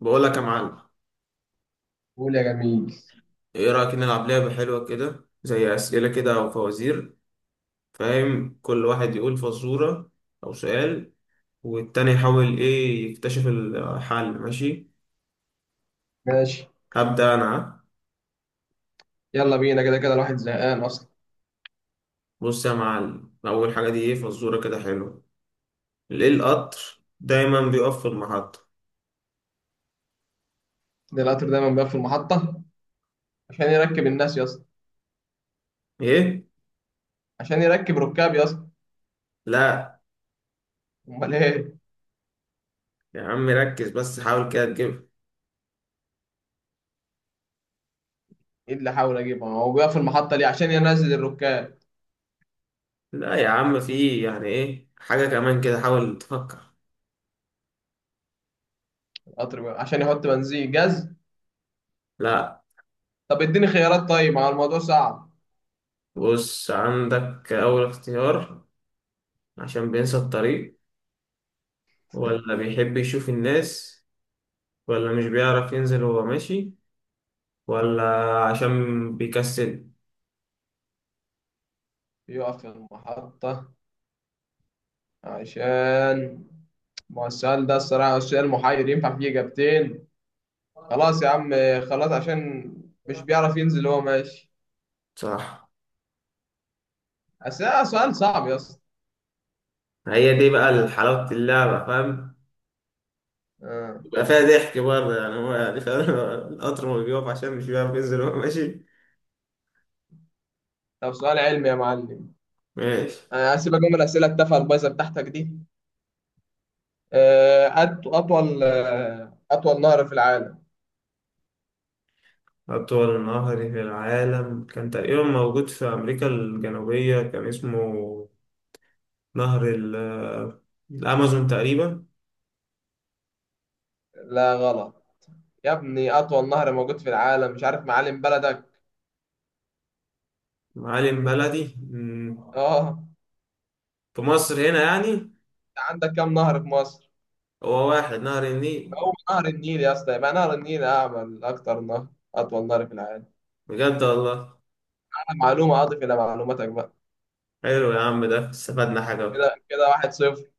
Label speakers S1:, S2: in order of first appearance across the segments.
S1: بقول لك يا معلم.
S2: قول يا جميل.
S1: ايه رأيك نلعب لعبة حلوة كده زي أسئلة كده أو فوازير؟ فاهم، كل واحد يقول فزورة أو سؤال، والتاني يحاول ايه يكتشف الحل. ماشي؟
S2: ماشي،
S1: هبدأ أنا ها؟
S2: يلا بينا، كده كده الواحد زهقان اصلا.
S1: بص يا معلم، أول حاجة دي ايه فزورة كده حلوة. ليه القطر دايما بيقف في المحطة؟
S2: ده القطر دايما بقى في المحطه عشان يركب الناس يا اسطى.
S1: ايه.
S2: عشان يركب ركاب يا اسطى.
S1: لا
S2: امال ايه؟
S1: يا عم، ركز بس حاول كده تجيبها.
S2: ايه اللي حاول اجيبه، هو بيقف في المحطه ليه؟ عشان ينزل الركاب.
S1: لا يا عم، في يعني ايه حاجة كمان كده، حاول تفكر.
S2: القطر بقى عشان يحط بنزين جاز.
S1: لا.
S2: طب اديني خيارات طيب، ما هو الموضوع صعب.
S1: بص عندك أول اختيار، عشان بينسى الطريق، ولا بيحب يشوف الناس، ولا مش بيعرف ينزل وهو ماشي، ولا عشان بيكسل.
S2: بيقف في المحطه عشان، ما هو السؤال ده الصراحه السؤال محير، ينفع فيه اجابتين. خلاص يا عم، خلاص عشان مش بيعرف ينزل هو ماشي.
S1: صح.
S2: بس ده سؤال صعب يا اسطى.
S1: هي دي بقى حلاوة اللعبة فاهم.
S2: آه.
S1: يبقى فيها ضحك برضه، يعني هو يعني فاهم القطر ما بيقف عشان مش بيعرف ينزل وهو ماشي.
S2: طب سؤال علمي يا معلم.
S1: ماشي.
S2: أنا هسيبك من الأسئلة التافهة البايظة بتاعتك دي. أطول نهر في العالم.
S1: أطول نهر في العالم كان تقريبا موجود في أمريكا الجنوبية، كان اسمه نهر الأمازون تقريبا.
S2: لا غلط، يا ابني أطول نهر موجود في العالم، مش عارف معالم بلدك؟
S1: معالم بلدي
S2: أه أنت
S1: في مصر هنا يعني.
S2: عندك كام نهر في مصر؟
S1: هو واحد نهر النيل.
S2: هو نهر النيل يا اسطى، يبقى نهر النيل أعمل أكتر نهر، أطول نهر في العالم.
S1: بجد والله.
S2: أنا معلومة أضف إلى معلوماتك بقى.
S1: حلو يا عم، ده استفدنا حاجة بقى.
S2: كده كده واحد صفر.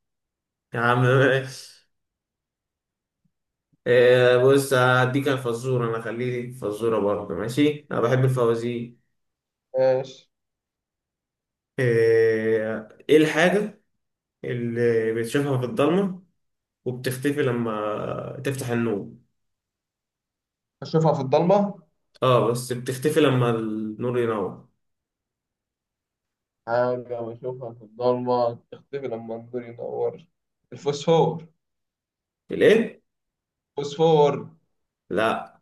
S1: يا عم ماشي. إيه، بص، هديك أنا فزورة، أنا خليك فزورة برضه، ماشي أنا بحب الفوازير.
S2: ماشي.
S1: إيه الحاجة اللي بتشوفها في الضلمة وبتختفي لما تفتح النور.
S2: أشوفها في الضلمة.
S1: اه، بس بتختفي لما النور ينور.
S2: حاجة بشوفها في الضلمة تختفي لما النور ينور؟ الفوسفور.
S1: الإيه؟
S2: فوسفور.
S1: لا.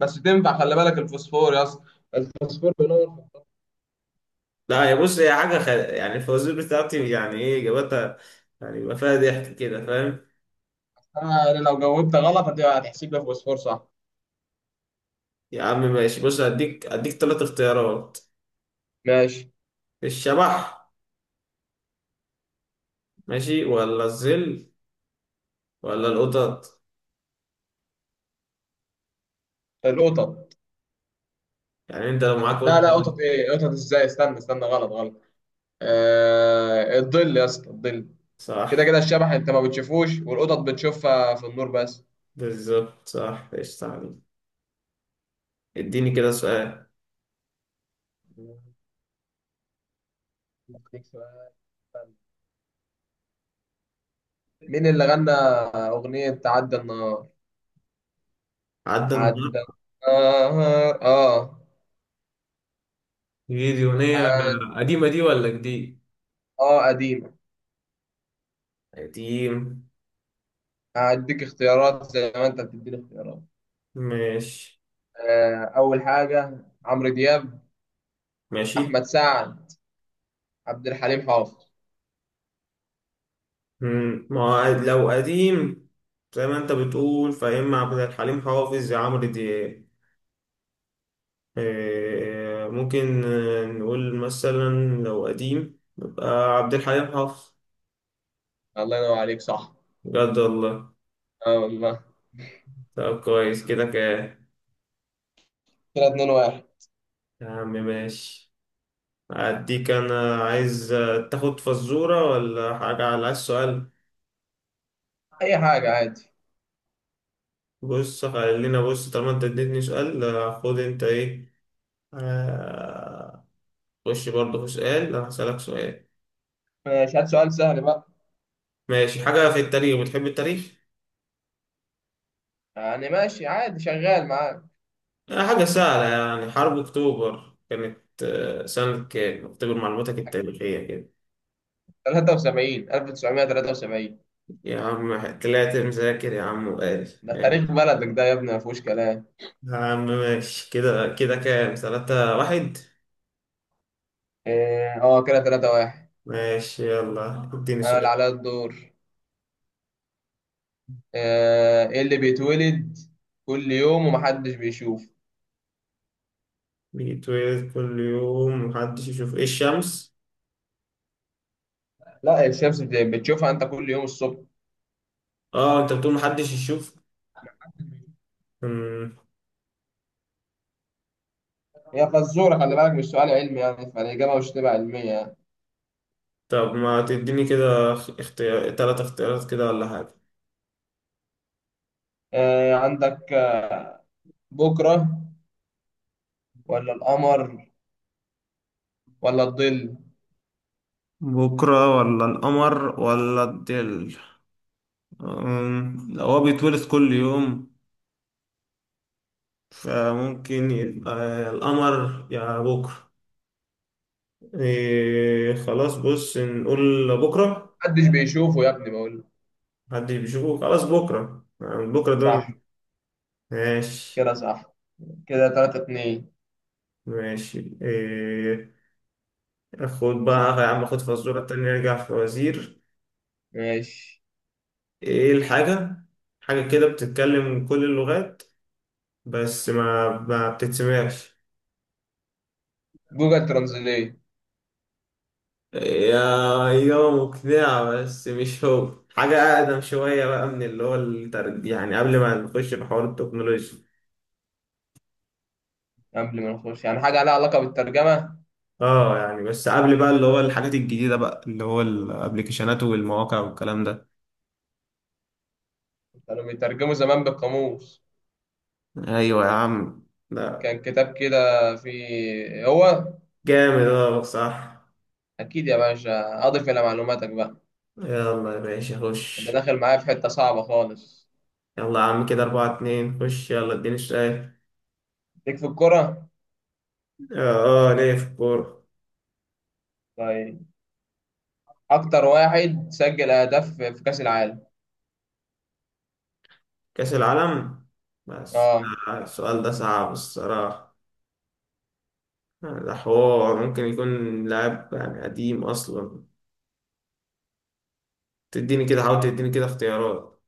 S2: بس تنفع، خلي بالك الفوسفور يا اسطى، الفوسفور بينور في
S1: لا، يا بص هي حاجة يعني الفوازير بتاعتي يعني إيه إجابتها. يعني يبقى فيها ضحك كده فاهم.
S2: السماء، يعني لو جاوبت غلط هتحسب لي فوسفور صح.
S1: يا عم ماشي، بص هديك تلات اختيارات.
S2: ماشي.
S1: الشبح ماشي، ولا الظل، ولا القطط.
S2: القطط.
S1: يعني انت لو معاك
S2: لا
S1: قطة.
S2: لا قطط ايه؟ قطط ازاي؟ استنى، غلط غلط. الظل يا اسطى، الظل. كده
S1: صح.
S2: كده الشبح انت ما بتشوفوش، والقطط بتشوفها في النور بس.
S1: بالظبط صح. ايش تعليم. اديني كده سؤال.
S2: أديك سؤال. مين اللي غنى أغنية عدى النهار؟
S1: عدى النهار.
S2: عدى النهار، اه.
S1: غير.
S2: عد-
S1: قديمة دي ولا جديد؟
S2: اه قديمة.
S1: قديم.
S2: هديك اختيارات زي ما انت بتديني اختيارات.
S1: ماشي.
S2: أول حاجة عمرو دياب،
S1: ماشي.
S2: أحمد سعد، عبد الحليم حافظ.
S1: ما هو لو قديم، زي ما انت بتقول فيا، اما عبد الحليم حافظ يا عمرو دياب. ممكن نقول مثلا، لو قديم يبقى عبد الحليم حافظ.
S2: الله ينور عليك، صح.
S1: بجد والله.
S2: اه والله.
S1: طب كويس كده كده.
S2: كده 2 1.
S1: يا عم ماشي. أديك أنا، عايز تاخد فزورة ولا حاجة، على عايز سؤال.
S2: أي حاجة عادي.
S1: بص، خلينا بص، طالما أنت اديتني سؤال خد أنت إيه. آه، خش برضه في سؤال، أنا هسألك سؤال.
S2: ماشي، هات سؤال سهل بقى.
S1: ماشي، حاجة في التاريخ، بتحب التاريخ؟
S2: يعني ماشي عادي، شغال معاك.
S1: حاجة سهلة، يعني حرب أكتوبر كانت سنة كام؟ أكتوبر معلوماتك التاريخية كده.
S2: 73، 1973.
S1: يا عم طلعت مذاكر يا عم وقال.
S2: ده تاريخ بلدك ده يا ابني، ما فيهوش كلام.
S1: يا عم ماشي، كده كده كام؟ 3-1.
S2: اه كده 3 1.
S1: ماشي يلا اديني
S2: أنا اللي
S1: سؤال.
S2: عليا الدور. إيه اللي بيتولد كل يوم ومحدش بيشوفه؟
S1: بيتولد كل يوم محدش يشوف، إيه الشمس؟
S2: لا، الشمس بتشوفها أنت كل يوم الصبح.
S1: آه أنت بتقول محدش يشوف. مم.
S2: هي فزورة، خلي بالك مش سؤال علمي، يعني فالإجابة مش تبقى علمية يعني.
S1: طب ما تديني كده اختيار، تلات اختيارات كده، ولا حاجة.
S2: عندك بكرة ولا القمر ولا الظل؟
S1: بكرة، ولا القمر، ولا الظل. لو هو بيتولد كل يوم، فممكن يبقى القمر يا بكرة. إيه خلاص، بص نقول بكرة.
S2: محدش بيشوفه يا ابني بقول.
S1: محدش بيشوفه، خلاص بكرة، يعني بكرة ده ما بي-
S2: صح؟
S1: ماشي.
S2: كده صح. كده تلاتة اتنين.
S1: ماشي إيه. أخد بقى يا عم أخد فزورة تانية أرجع في وزير.
S2: ماشي.
S1: إيه الحاجة، حاجة كده بتتكلم كل اللغات بس ما بتتسمعش.
S2: جوجل ترانزليت.
S1: يا، إجابة مقنعة، بس مش هو، حاجة أقدم شوية بقى من اللي هو يعني قبل ما نخش في حوار التكنولوجيا.
S2: قبل ما نخش يعني حاجة لها علاقة بالترجمة؟
S1: اه، يعني بس قبل بقى، اللي هو الحاجات الجديدة بقى، اللي هو الابليكيشنات والمواقع والكلام ده.
S2: كانوا بيترجموا زمان بالقاموس.
S1: ايوه يا عم. لا.
S2: كان كتاب كده فيه هو.
S1: جامد، اه صح.
S2: أكيد يا باشا، أضف إلى معلوماتك بقى.
S1: يلا يا باشا
S2: أنت
S1: خش.
S2: داخل معايا في حتة صعبة خالص.
S1: يلا يا عم، كده 4-2، خش يلا اديني السؤال.
S2: ليك في الكرة؟
S1: اه، ليه في الكورة.
S2: طيب، اكتر واحد سجل اهداف في كاس العالم.
S1: كأس العالم بس.
S2: اه.
S1: السؤال ده صعب الصراحة. ده حوار ممكن يكون لاعب يعني قديم اصلا. تديني كده، حاول تديني كده اختيارات.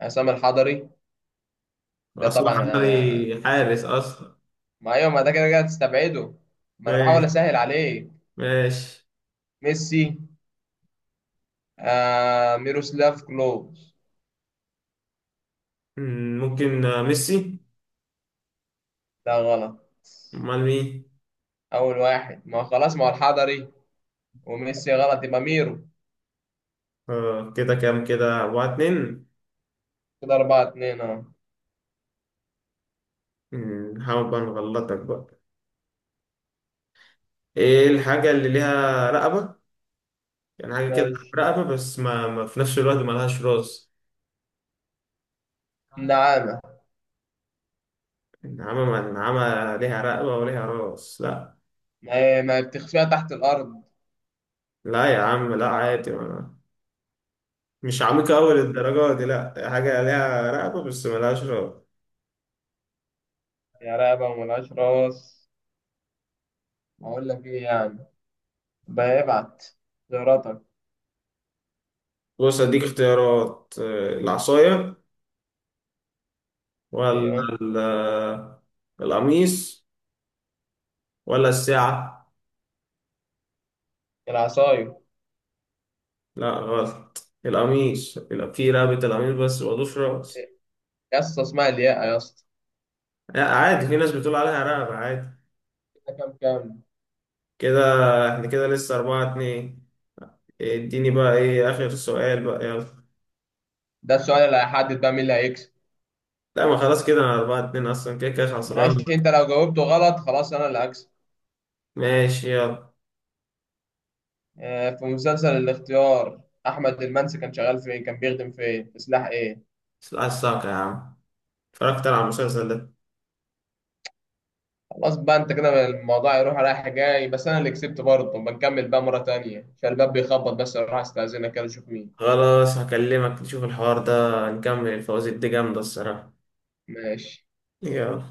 S2: عصام الحضري ده
S1: اصلا
S2: طبعا،
S1: حضري حارس اصلا.
S2: ما ايوه، ما ده كده كده تستبعده، ما انا بحاول
S1: ماشي.
S2: اسهل عليك.
S1: ماشي.
S2: ميسي، آه، ميروسلاف كلوز.
S1: ممكن ميسي.
S2: ده غلط.
S1: امال مين.
S2: اول واحد ما هو خلاص، ما هو الحضري وميسي غلط، يبقى ميرو.
S1: آه، كده كام؟ كده 4-2.
S2: كده اربعة اتنين، اه.
S1: نحاول بقى نغلطك بقى. ايه الحاجة اللي ليها رقبة، يعني حاجة كده،
S2: ماشي.
S1: رقبة بس ما في نفس الوقت ملهاش راس.
S2: نعامة.
S1: النعامة؟ ما النعامة ليها رقبة وليها راس لا.
S2: ما هي بتخفيها تحت الارض.
S1: لا يا عم، لا عادي. مش عميقة أوي للدرجة دي، لأ حاجة ليها رقبة بس ملهاش رقبة.
S2: يا رقبة وملهاش راس، ما اقول لك ايه يعني. بيبعت زياراتك.
S1: بص أديك اختيارات، العصاية، ولا
S2: ايوه.
S1: ال- آه، القميص، ولا الساعة.
S2: العصاية.
S1: لأ غلط، القميص يبقى في رقبة القميص بس مضوش رأس.
S2: يا اسطى اسمها الياقة يا اسطى.
S1: لأ عادي، في ناس بتقول عليها رقبة عادي.
S2: كده كام كام؟
S1: كده، احنا كده لسه 4-2. اديني بقى ايه آخر سؤال بقى يلا.
S2: ده السؤال اللي هيحدد بقى مين اللي هيكسب.
S1: لا ما خلاص، كده أنا 4-2 أصلا كده كده خسران.
S2: ماشي، انت لو جاوبته غلط خلاص انا اللي هكسب.
S1: ماشي يلا.
S2: في مسلسل الاختيار، احمد المنسي كان شغال فين؟ كان بيخدم فين؟ في سلاح ايه؟
S1: عايز يا عم، اتفرجت على المسلسل ده.
S2: خلاص بقى انت كده، الموضوع يروح رايح جاي، بس انا اللي كسبت برضه. بنكمل بقى مرة تانية عشان الباب بيخبط، بس اروح استأذنك كده اشوف مين.
S1: خلاص هكلمك نشوف الحوار ده، نكمل الفوازير دي جامدة الصراحة.
S2: ماشي.
S1: يلا